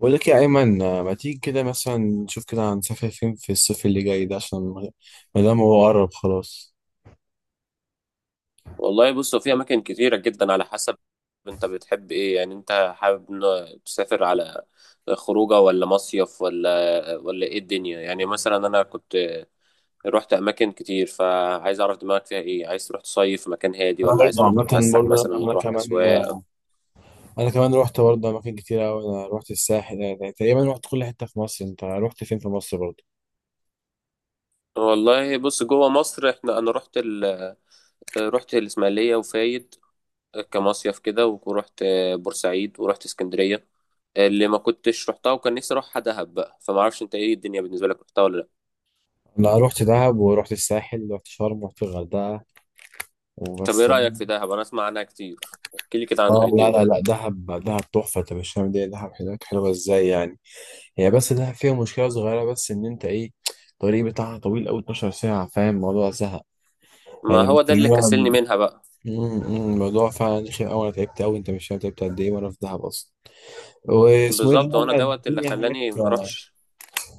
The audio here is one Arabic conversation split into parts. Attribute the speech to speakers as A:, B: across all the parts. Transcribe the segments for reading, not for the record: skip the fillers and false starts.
A: بقول لك يا أيمن، ما تيجي كده مثلا نشوف كده هنسافر فين في الصيف اللي جاي ده؟ عشان ما دام هو قرب خلاص.
B: والله بص هو في اماكن كتيره جدا على حسب انت بتحب ايه؟ يعني انت حابب تسافر على خروجه ولا مصيف ولا ايه الدنيا؟ يعني مثلا انا كنت رحت اماكن كتير، فعايز اعرف دماغك فيها ايه. عايز تروح تصيف في مكان هادي،
A: أنا
B: ولا عايز
A: برضه
B: تروح
A: عامة
B: تتفسح
A: برضه
B: مثلا
A: أنا
B: وتروح
A: كمان
B: اسواق؟
A: أنا كمان روحت برضه أماكن كتير أوي. أنا روحت الساحل، يعني تقريبا روحت كل حتة في مصر. أنت روحت فين في مصر برضه؟
B: والله بص، جوه مصر احنا رحت الاسماعيليه وفايد كمصيف كده، ورحت بورسعيد ورحت اسكندرية. اللي ما كنتش رحتها وكان نفسي اروحها دهب بقى، فما اعرفش انت ايه الدنيا بالنسبة لك، رحتها ولا لا؟
A: أنا روحت دهب وروحت الساحل، روحت شرم، روحت الغردقة
B: طب ايه
A: وبس.
B: رأيك في دهب؟ انا اسمع عنها كتير، احكي لي كده عنها
A: آه،
B: إيه
A: لا
B: الدنيا.
A: لا لا، دهب تحفة، أنت مش فاهم. دي دهب هناك حلوة إزاي يعني. هي بس دهب فيها مشكلة صغيرة، بس إن أنت إيه، الطريق بتاعها طويل أوي، 12 ساعة، فاهم؟ الموضوع سهل
B: ما
A: يعني،
B: هو ده اللي
A: مستنيها.
B: كسلني منها بقى.
A: أمم، أمم، الموضوع فعلا رخم أوي، أنا تعبت أوي، أنت مش فاهم تعبت قد إيه وأنا في دهب أصلا. واسمه إيه
B: بالظبط، وانا
A: ده،
B: دوت اللي
A: الدنيا هناك،
B: خلاني ما اروحش.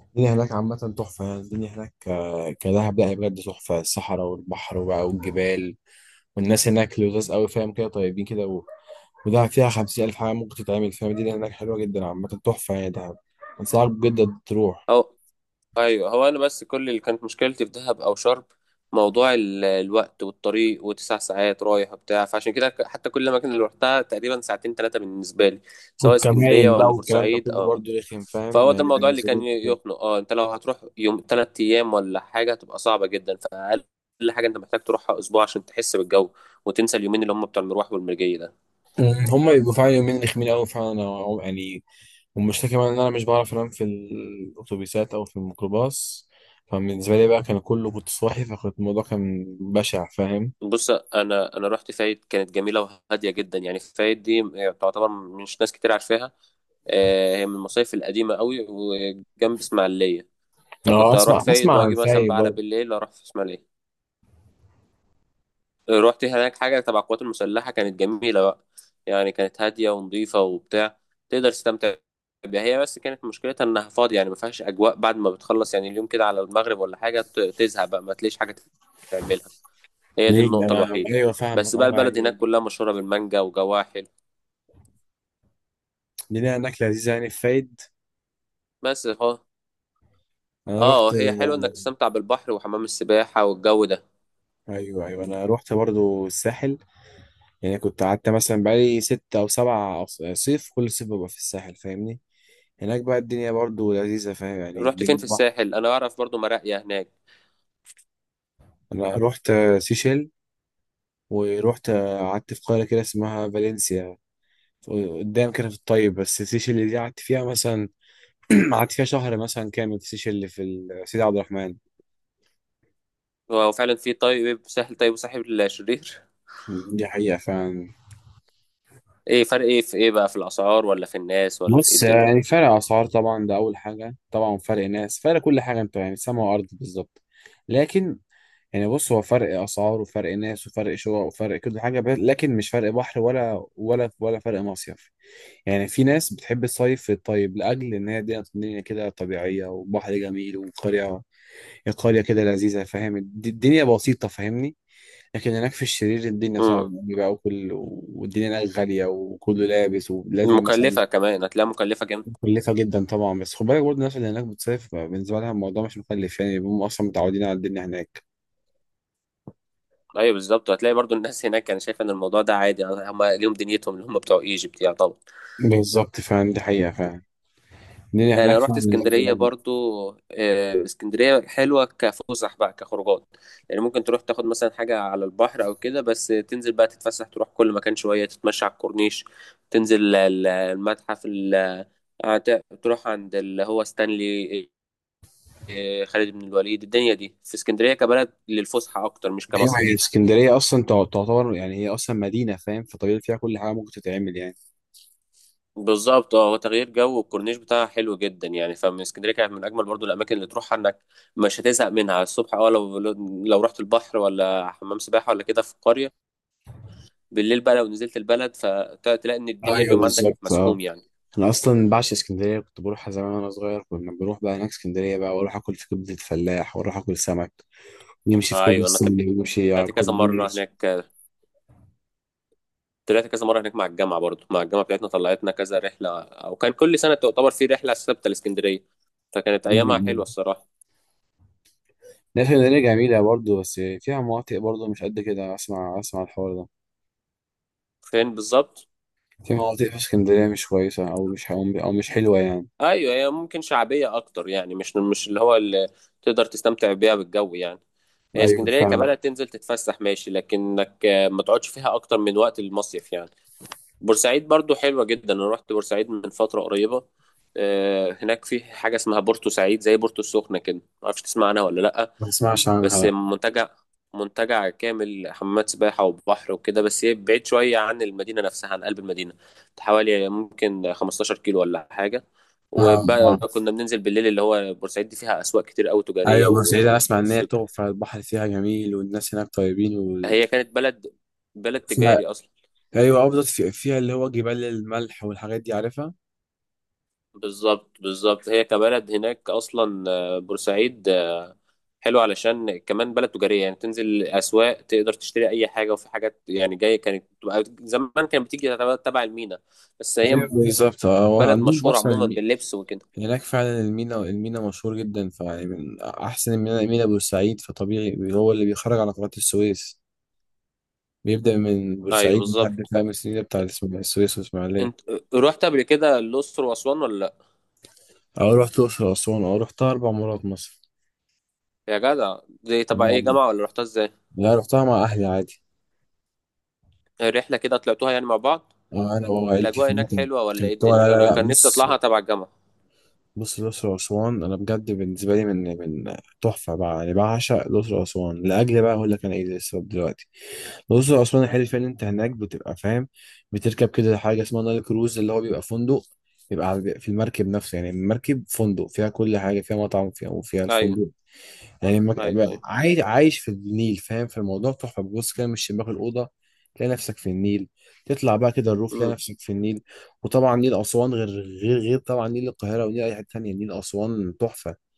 A: الدنيا هناك عامة تحفة يعني. الدنيا هناك كدهب لا، هي بجد تحفة، الصحراء والبحر وبقى والجبال والناس هناك لذاذ أوي، فاهم كده؟ طيبين كده ودهب فيها 50 ألف حاجة ممكن تتعمل، فاهم؟ الدنيا هناك حلوة جدا، عامة تحفة يعني دهب، أنصحك بجد تروح.
B: ايوه، هو انا بس كل اللي كانت مشكلتي في دهب او شرم موضوع الوقت والطريق، وتسع ساعات رايح وبتاع، فعشان كده حتى كل الاماكن اللي رحتها تقريبا ساعتين ثلاثه بالنسبه لي، سواء اسكندريه
A: والكمائن بقى
B: ولا
A: والكلام ده
B: بورسعيد،
A: كله
B: اه.
A: برضه رخم، فاهم
B: فهو ده
A: يعني،
B: الموضوع اللي كان
A: بينزلوك وكده.
B: يخنق. اه، انت لو هتروح يوم ثلاث ايام ولا حاجه هتبقى صعبه جدا، فاقل حاجه انت محتاج تروحها اسبوع عشان تحس بالجو وتنسى اليومين اللي هم بتوع المروح والمرجيه ده.
A: هما بيبقوا فعلا يومين رخمين أوي فعلا، يعني، والمشكلة كمان إن أنا مش بعرف أنام في الأتوبيسات أو في الميكروباص، فبالنسبة لي بقى كان كله كنت صاحي، فكنت الموضوع كان بشع، فاهم؟
B: بص، انا رحت فايد كانت جميله وهاديه جدا. يعني فايد دي تعتبر مش ناس كتير عارفاها. آه، هي من المصايف القديمه قوي وجنب اسماعيليه،
A: اه،
B: فكنت اروح
A: أسمع
B: فايد
A: أسمع عن
B: واجي مثلا
A: فايد
B: بقى على
A: برضه.
B: بالليل اروح في اسماعيليه. رحت هناك حاجه تبع القوات المسلحه كانت جميله بقى، يعني كانت هاديه ونظيفه وبتاع، تقدر تستمتع بيها. هي بس كانت مشكلتها انها فاضيه، يعني ما فيهاش اجواء بعد ما بتخلص، يعني اليوم كده على المغرب ولا حاجه تزهق بقى، ما تلاقيش حاجه تعملها. هي دي
A: ليه،
B: النقطة
A: أنا
B: الوحيدة.
A: أيوه فاهم،
B: بس بقى
A: أه
B: البلد
A: يعني.
B: هناك كلها مشهورة بالمانجا وجواحل.
A: لينا أكلة لذيذة يعني في فايد.
B: بس هو
A: أنا
B: اه،
A: رحت،
B: هي حلوة انك تستمتع بالبحر وحمام السباحة والجو ده.
A: أيوه أيوه أنا رحت برضه الساحل، يعني كنت قعدت مثلا بقالي ست أو سبع صيف، كل صيف ببقى في الساحل، فاهمني؟ هناك بقى الدنيا برضه لذيذة، فاهم يعني،
B: رحت فين
A: الدنيا
B: في
A: بحر.
B: الساحل؟ انا اعرف برضو مراقية هناك.
A: أنا رحت سيشيل، ورحت قعدت في قرية كده اسمها فالنسيا قدام كده في الطيب، بس السيشل اللي دي قعدت فيها مثلا قعدت فيها شهر مثلا كامل، في السيشل اللي في سيدي عبد الرحمن.
B: هو فعلا في طيب ساحل طيب وساحل شرير.
A: دي حقيقة فعلا.
B: ايه فرق؟ ايه في ايه بقى؟ في الاسعار ولا في الناس ولا في ايه
A: بص،
B: الدنيا؟
A: يعني فرق أسعار طبعا ده أول حاجة، طبعا فرق ناس، فرق كل حاجة، أنت يعني سما وأرض بالظبط. لكن يعني، بص، هو فرق أسعار وفرق ناس وفرق شقق وفرق كل حاجة، لكن مش فرق بحر ولا ولا ولا فرق مصيف. يعني في ناس بتحب الصيف في الطيب لأجل إن هي الدنيا، الدنيا كده طبيعية وبحر جميل وقرية، قرية كده لذيذة، فاهم؟ الدنيا بسيطة، فاهمني؟ لكن هناك في الشرير الدنيا صعبة
B: امم،
A: أوي بقى، وكل والدنيا هناك غالية وكله لابس ولازم مثلا،
B: مكلفة كمان، هتلاقيها مكلفة جامد.
A: مكلفة جدا طبعا. بس خد بالك برضه، الناس اللي هناك بتصيف بالنسبة لها الموضوع مش مكلف، يعني هم أصلا متعودين على الدنيا هناك.
B: ايوه بالظبط، هتلاقي برضو الناس هناك، انا شايف ان الموضوع ده عادي، هم ليهم دنيتهم اللي هم بتوع ايجيبت يعني طبعا.
A: بالظبط، فعلا دي حقيقة فعلا، الدنيا
B: آه، انا
A: هناك
B: رحت
A: فعلا لذيذة
B: اسكندريه
A: أوي.
B: برضو. آه، اسكندريه حلوه كفسح بقى، كخروجات يعني. ممكن تروح تاخد مثلا حاجه على البحر او كده، بس تنزل بقى تتفسح، تروح كل مكان شويه، تتمشى على الكورنيش، تنزل تروح عند اللي هو ستانلي، آه، خالد بن الوليد. الدنيا دي في اسكندريه كبلد للفسحه اكتر، مش
A: أيوة، هي
B: كمصيف.
A: اسكندرية أصلا تعتبر يعني، هي أصلا مدينة، فاهم؟ فطبيعي فيها كل حاجة ممكن تتعمل يعني.
B: بالظبط اه، هو تغيير جو، والكورنيش بتاعها حلو جدا يعني. فمن اسكندريه كانت من اجمل برضو الاماكن اللي تروحها، انك مش هتزهق منها. الصبح اه، لو لو رحت البحر ولا حمام سباحه ولا كده في القريه، بالليل بقى لو نزلت البلد، فتلاقي ان الدنيا
A: ايوه
B: اليوم عندك
A: بالظبط، اه.
B: مسحوم يعني.
A: انا اصلا بعشق اسكندريه، كنت بروحها زمان وانا صغير، كنا بنروح بقى هناك اسكندريه بقى، واروح اكل في كبده الفلاح، واروح اكل سمك، نمشي في كوبري
B: ايوه، انا
A: ستانلي ونمشي على
B: طلعت كذا مره
A: الكورنيش.
B: هناك. طلعت كذا مره هناك مع الجامعه، برضو مع الجامعه بتاعتنا طلعتنا كذا رحله، او كان كل سنه تعتبر في رحله ثابته لاسكندريه، فكانت ايامها حلوه الصراحه.
A: لا، اسكندريه جميله برضه، بس فيها مناطق برضه مش قد كده، اسمع اسمع الحوار ده.
B: فين بالظبط؟
A: في مناطق في اسكندريه مش كويسه، او مش او مش حلوه يعني.
B: ايوه، هي ممكن شعبيه اكتر يعني، مش مش اللي هو اللي تقدر تستمتع بيها بالجو يعني. هي
A: ايوه
B: اسكندريه
A: فعلا.
B: كبلد تنزل تتفسح ماشي، لكنك آه، ما تقعدش فيها اكتر من وقت المصيف يعني. بورسعيد برضو حلوه جدا، انا رحت بورسعيد من فتره قريبه. آه، هناك في حاجه اسمها بورتو سعيد زي بورتو السخنه كده، ما اعرفش تسمع عنها ولا لا.
A: ما اسمعش عنها
B: بس
A: لا.
B: منتجع، منتجع كامل، حمامات سباحة وبحر وكده. بس هي بعيد شوية عن المدينة نفسها، عن قلب المدينة، حوالي ممكن 15 كيلو ولا حاجة.
A: آه.
B: وبقى
A: آه.
B: كنا بننزل بالليل اللي هو بورسعيد دي فيها أسواق كتير أوي تجارية
A: ايوه، بورسعيد انا اسمع ان هي
B: والسوق.
A: تحفه، البحر فيها جميل، والناس هناك طيبين وفيها،
B: هي كانت بلد، بلد تجاري أصلا.
A: ايوه افضل في فيها اللي هو جبال الملح والحاجات دي، عارفها؟
B: بالظبط بالظبط، هي كبلد هناك أصلا، آه، بورسعيد حلو علشان كمان بلد تجارية يعني، تنزل أسواق تقدر تشتري أي حاجة، وفي حاجات يعني جاية كانت بتبقى زمان كانت بتيجي تبع المينا. بس
A: ايوه
B: هي
A: بالظبط، اه. هو
B: بلد
A: عندهم
B: مشهورة
A: اصلا
B: عموما باللبس وكده.
A: هناك فعلا المينا، المينا مشهور جدا، فيعني من احسن المينا مينا بورسعيد، فطبيعي هو اللي بيخرج على قناة السويس، بيبدا من
B: أيوه
A: بورسعيد لحد
B: بالظبط.
A: خامس المينا بتاع السويس والاسماعيليه.
B: أنت رحت قبل كده الأقصر وأسوان ولا لأ؟
A: اه رحت الاقصر واسوان، اه رحتها اربع مرات مصر.
B: يا جدع، دي تبع إيه،
A: أما-
B: جامعة ولا رحتها إزاي؟
A: لا رحتها مع اهلي عادي.
B: الرحلة كده طلعتوها يعني مع بعض؟
A: اه، انا وعائلتي
B: الأجواء
A: في
B: هناك
A: مصر.
B: حلوة ولا إيه
A: كنت، لا
B: الدنيا؟
A: لا
B: أنا
A: لا،
B: كان نفسي
A: بص،
B: أطلعها تبع الجامعة.
A: بص الأقصر وأسوان أنا بجد بالنسبة لي، من تحفة بقى يعني، بعشق الأقصر وأسوان، لأجل بقى أقول لك أنا إيه السبب دلوقتي. الأقصر وأسوان الحلو فيها إن أنت هناك بتبقى فاهم، بتركب كده حاجة اسمها نايل كروز، اللي هو بيبقى فندق، بيبقى بيبقى في المركب نفسه، يعني المركب فندق، فيها كل حاجة، فيها مطعم فيها وفيها
B: أيوه
A: الفندق، يعني
B: أيوه أيوه.
A: عايش في النيل، فاهم في الموضوع؟ تحفه. بص كده من شباك الاوضه تلاقي نفسك في النيل، تطلع بقى كده الروف تلاقي
B: أمم.
A: نفسك في النيل. وطبعا نيل اسوان غير، غير طبعا نيل القاهره ونيل اي حته تانيه، نيل اسوان تحفه،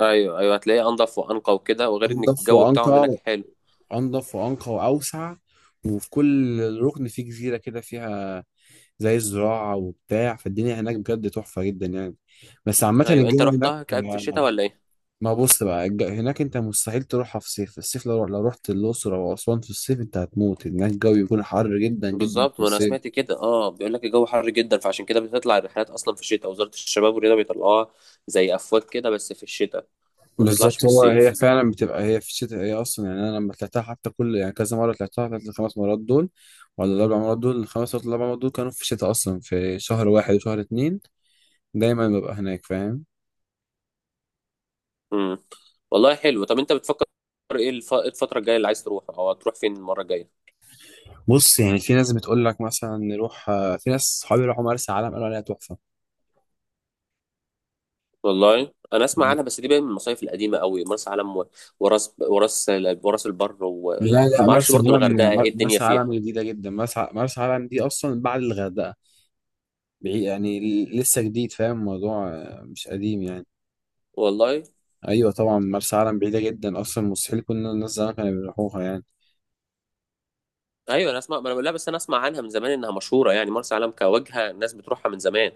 B: أيوه أيوه، هتلاقيه أنضف وأنقى وكده، وغير إن
A: انضف
B: الجو بتاعهم هناك
A: وانقى،
B: حلو.
A: انضف وانقى واوسع. وفي كل ركن فيه جزيره كده، فيها زي الزراعه وبتاع، فالدنيا هناك بجد تحفه جدا يعني. بس عامه
B: أيوه، أنت
A: الجو هناك،
B: رحتها كان في الشتاء ولا إيه؟
A: ما بص بقى هناك انت مستحيل تروحها في صيف، الصيف لو رحت الاقصر او اسوان في الصيف انت هتموت، هناك الجو بيكون حر جدا جدا
B: بالظبط،
A: في
B: ما انا
A: الصيف.
B: سمعت كده اه، بيقول لك الجو حر جدا، فعشان كده بتطلع الرحلات اصلا في الشتاء. وزارة الشباب والرياضة بيطلعوها زي افواج كده، بس في الشتاء، ما بتطلعش
A: بالظبط،
B: في
A: هو هي
B: الصيف.
A: فعلا بتبقى هي في الشتاء، هي اصلا يعني، انا لما طلعتها حتى كل يعني كذا مره طلعتها، طلعت الخمس مرات دول ولا الاربع مرات دول، الخمس ولا الاربع مرات دول، كانوا في الشتاء اصلا، في شهر واحد وشهر اتنين، دايما ببقى هناك، فاهم؟
B: امم. والله حلو. طب انت بتفكر ايه إيه الفترة الجاية اللي عايز تروح، او هتروح فين المرة الجاية؟
A: بص يعني، في ناس بتقول لك مثلا نروح، في ناس صحابي راحوا مرسى علم قالوا عليها تحفه.
B: والله انا اسمع عنها، بس دي بقى من المصايف القديمة قوي، مرسى علم وراس وراس البر. وما
A: لا لا،
B: اعرفش
A: مرسى
B: برضو الغردقة
A: علم،
B: ايه الدنيا
A: مرسى
B: فيها.
A: علم جديدة جدا، مرسى مرسى علم دي أصلا بعد الغردقة، بعيد يعني. لسه جديد، فاهم الموضوع؟ مش قديم يعني.
B: والله
A: أيوة طبعا مرسى علم بعيدة جدا أصلا، مستحيل، كنا الناس زمان كانوا بيروحوها يعني.
B: ايوه انا اسمع، ما انا لا بس انا اسمع عنها من زمان انها مشهورة يعني، مرسى علم كوجهة الناس بتروحها من زمان،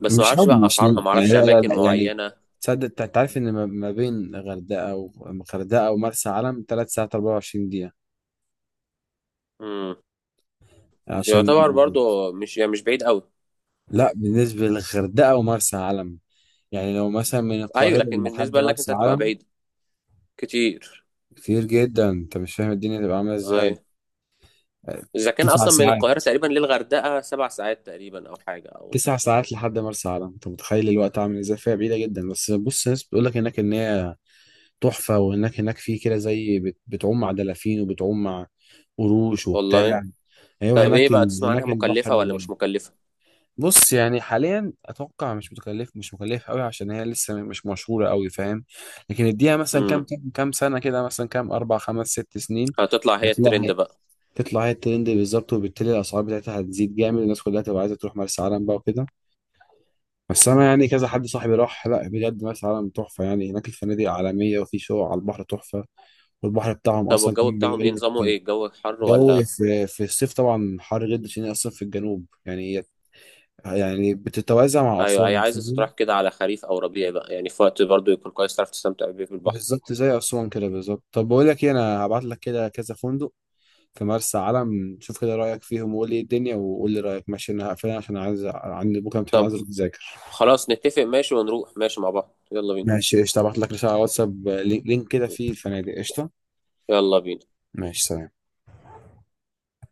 B: بس ما
A: مش
B: اعرفش
A: قبل،
B: بقى
A: مش
B: اسعارها،
A: ن-
B: ما
A: يعني
B: اعرفش
A: لا لا
B: اماكن
A: لا يعني،
B: معينه.
A: تصدق أنت تعرف إن ما بين غردقة، وغردقة ومرسى علم تلات ساعات 24 دقيقة؟
B: امم،
A: عشان،
B: يعتبر برضو مش يعني مش بعيد قوي.
A: لا بالنسبة للغردقة ومرسى علم، يعني لو مثلا من
B: ايوه،
A: القاهرة
B: لكن
A: لحد
B: بالنسبه لك
A: مرسى
B: انت هتبقى
A: علم،
B: بعيد كتير.
A: كتير جدا، انت مش فاهم الدنيا تبقى عامله
B: ايوه،
A: ازاي.
B: اذا كان
A: تسع
B: اصلا من القاهره
A: ساعات،
B: تقريبا للغردقه 7 ساعات تقريبا او حاجه او.
A: تسع ساعات لحد مرسى علم، انت متخيل الوقت عامل ازاي؟ فيها بعيده جدا. بس بص، ناس بتقول لك هناك ان هي تحفه، وانك هناك في كده، زي بتعوم مع دلافين، وبتعوم مع قروش وبتاع.
B: والله،
A: ايوه،
B: طب ايه
A: هناك
B: بقى تسمع عنها،
A: هناك البحر
B: مكلفه ولا
A: جميل.
B: مش مكلفه؟
A: بص يعني حاليا اتوقع مش متكلف، مش مكلف قوي، عشان هي لسه مش مشهوره قوي، فاهم؟ لكن اديها مثلا كام،
B: امم،
A: كام سنه كده، مثلا كام، اربع خمس ست سنين،
B: هتطلع هي الترند
A: هتلاقي،
B: بقى.
A: تطلع هي الترند بالظبط، وبالتالي الاسعار بتاعتها هتزيد جامد، والناس كلها تبقى عايزه تروح مرسى علم بقى وكده. بس انا يعني كذا حد صاحبي راح، لا بجد مرسى علم تحفه يعني، هناك الفنادق عالميه، وفي شقق على البحر تحفه، والبحر بتاعهم
B: طب
A: اصلا
B: والجو
A: كان
B: بتاعهم
A: بيقول
B: ايه نظامه،
A: لك
B: ايه الجو حر
A: جو،
B: ولا؟
A: في في الصيف طبعا حر جدا، عشان هي اصلا في الجنوب، يعني هي يعني بتتوازى مع
B: ايوه، هي
A: اسوان،
B: عايزه
A: فاهم؟
B: تروح كده على خريف او ربيع بقى، يعني في وقت برضو يكون كويس تعرف تستمتع بيه في البحر.
A: بالظبط زي اسوان كده بالظبط. طب بقول لك ايه، انا هبعت لك كده كذا فندق في مرسى علم، شوف كده رايك فيهم، وقول لي ايه الدنيا وقول لي رايك، ماشي؟ انا هقفل عشان عايز، عندي بكره امتحان
B: طب
A: عايز اذاكر.
B: خلاص نتفق ماشي، ونروح ماشي مع بعض، يلا بينا.
A: ماشي قشطة، هبعت لك رسالة على واتساب، لينك، كده فيه الفنادق، قشطة.
B: يلا بينا.
A: ماشي سلام.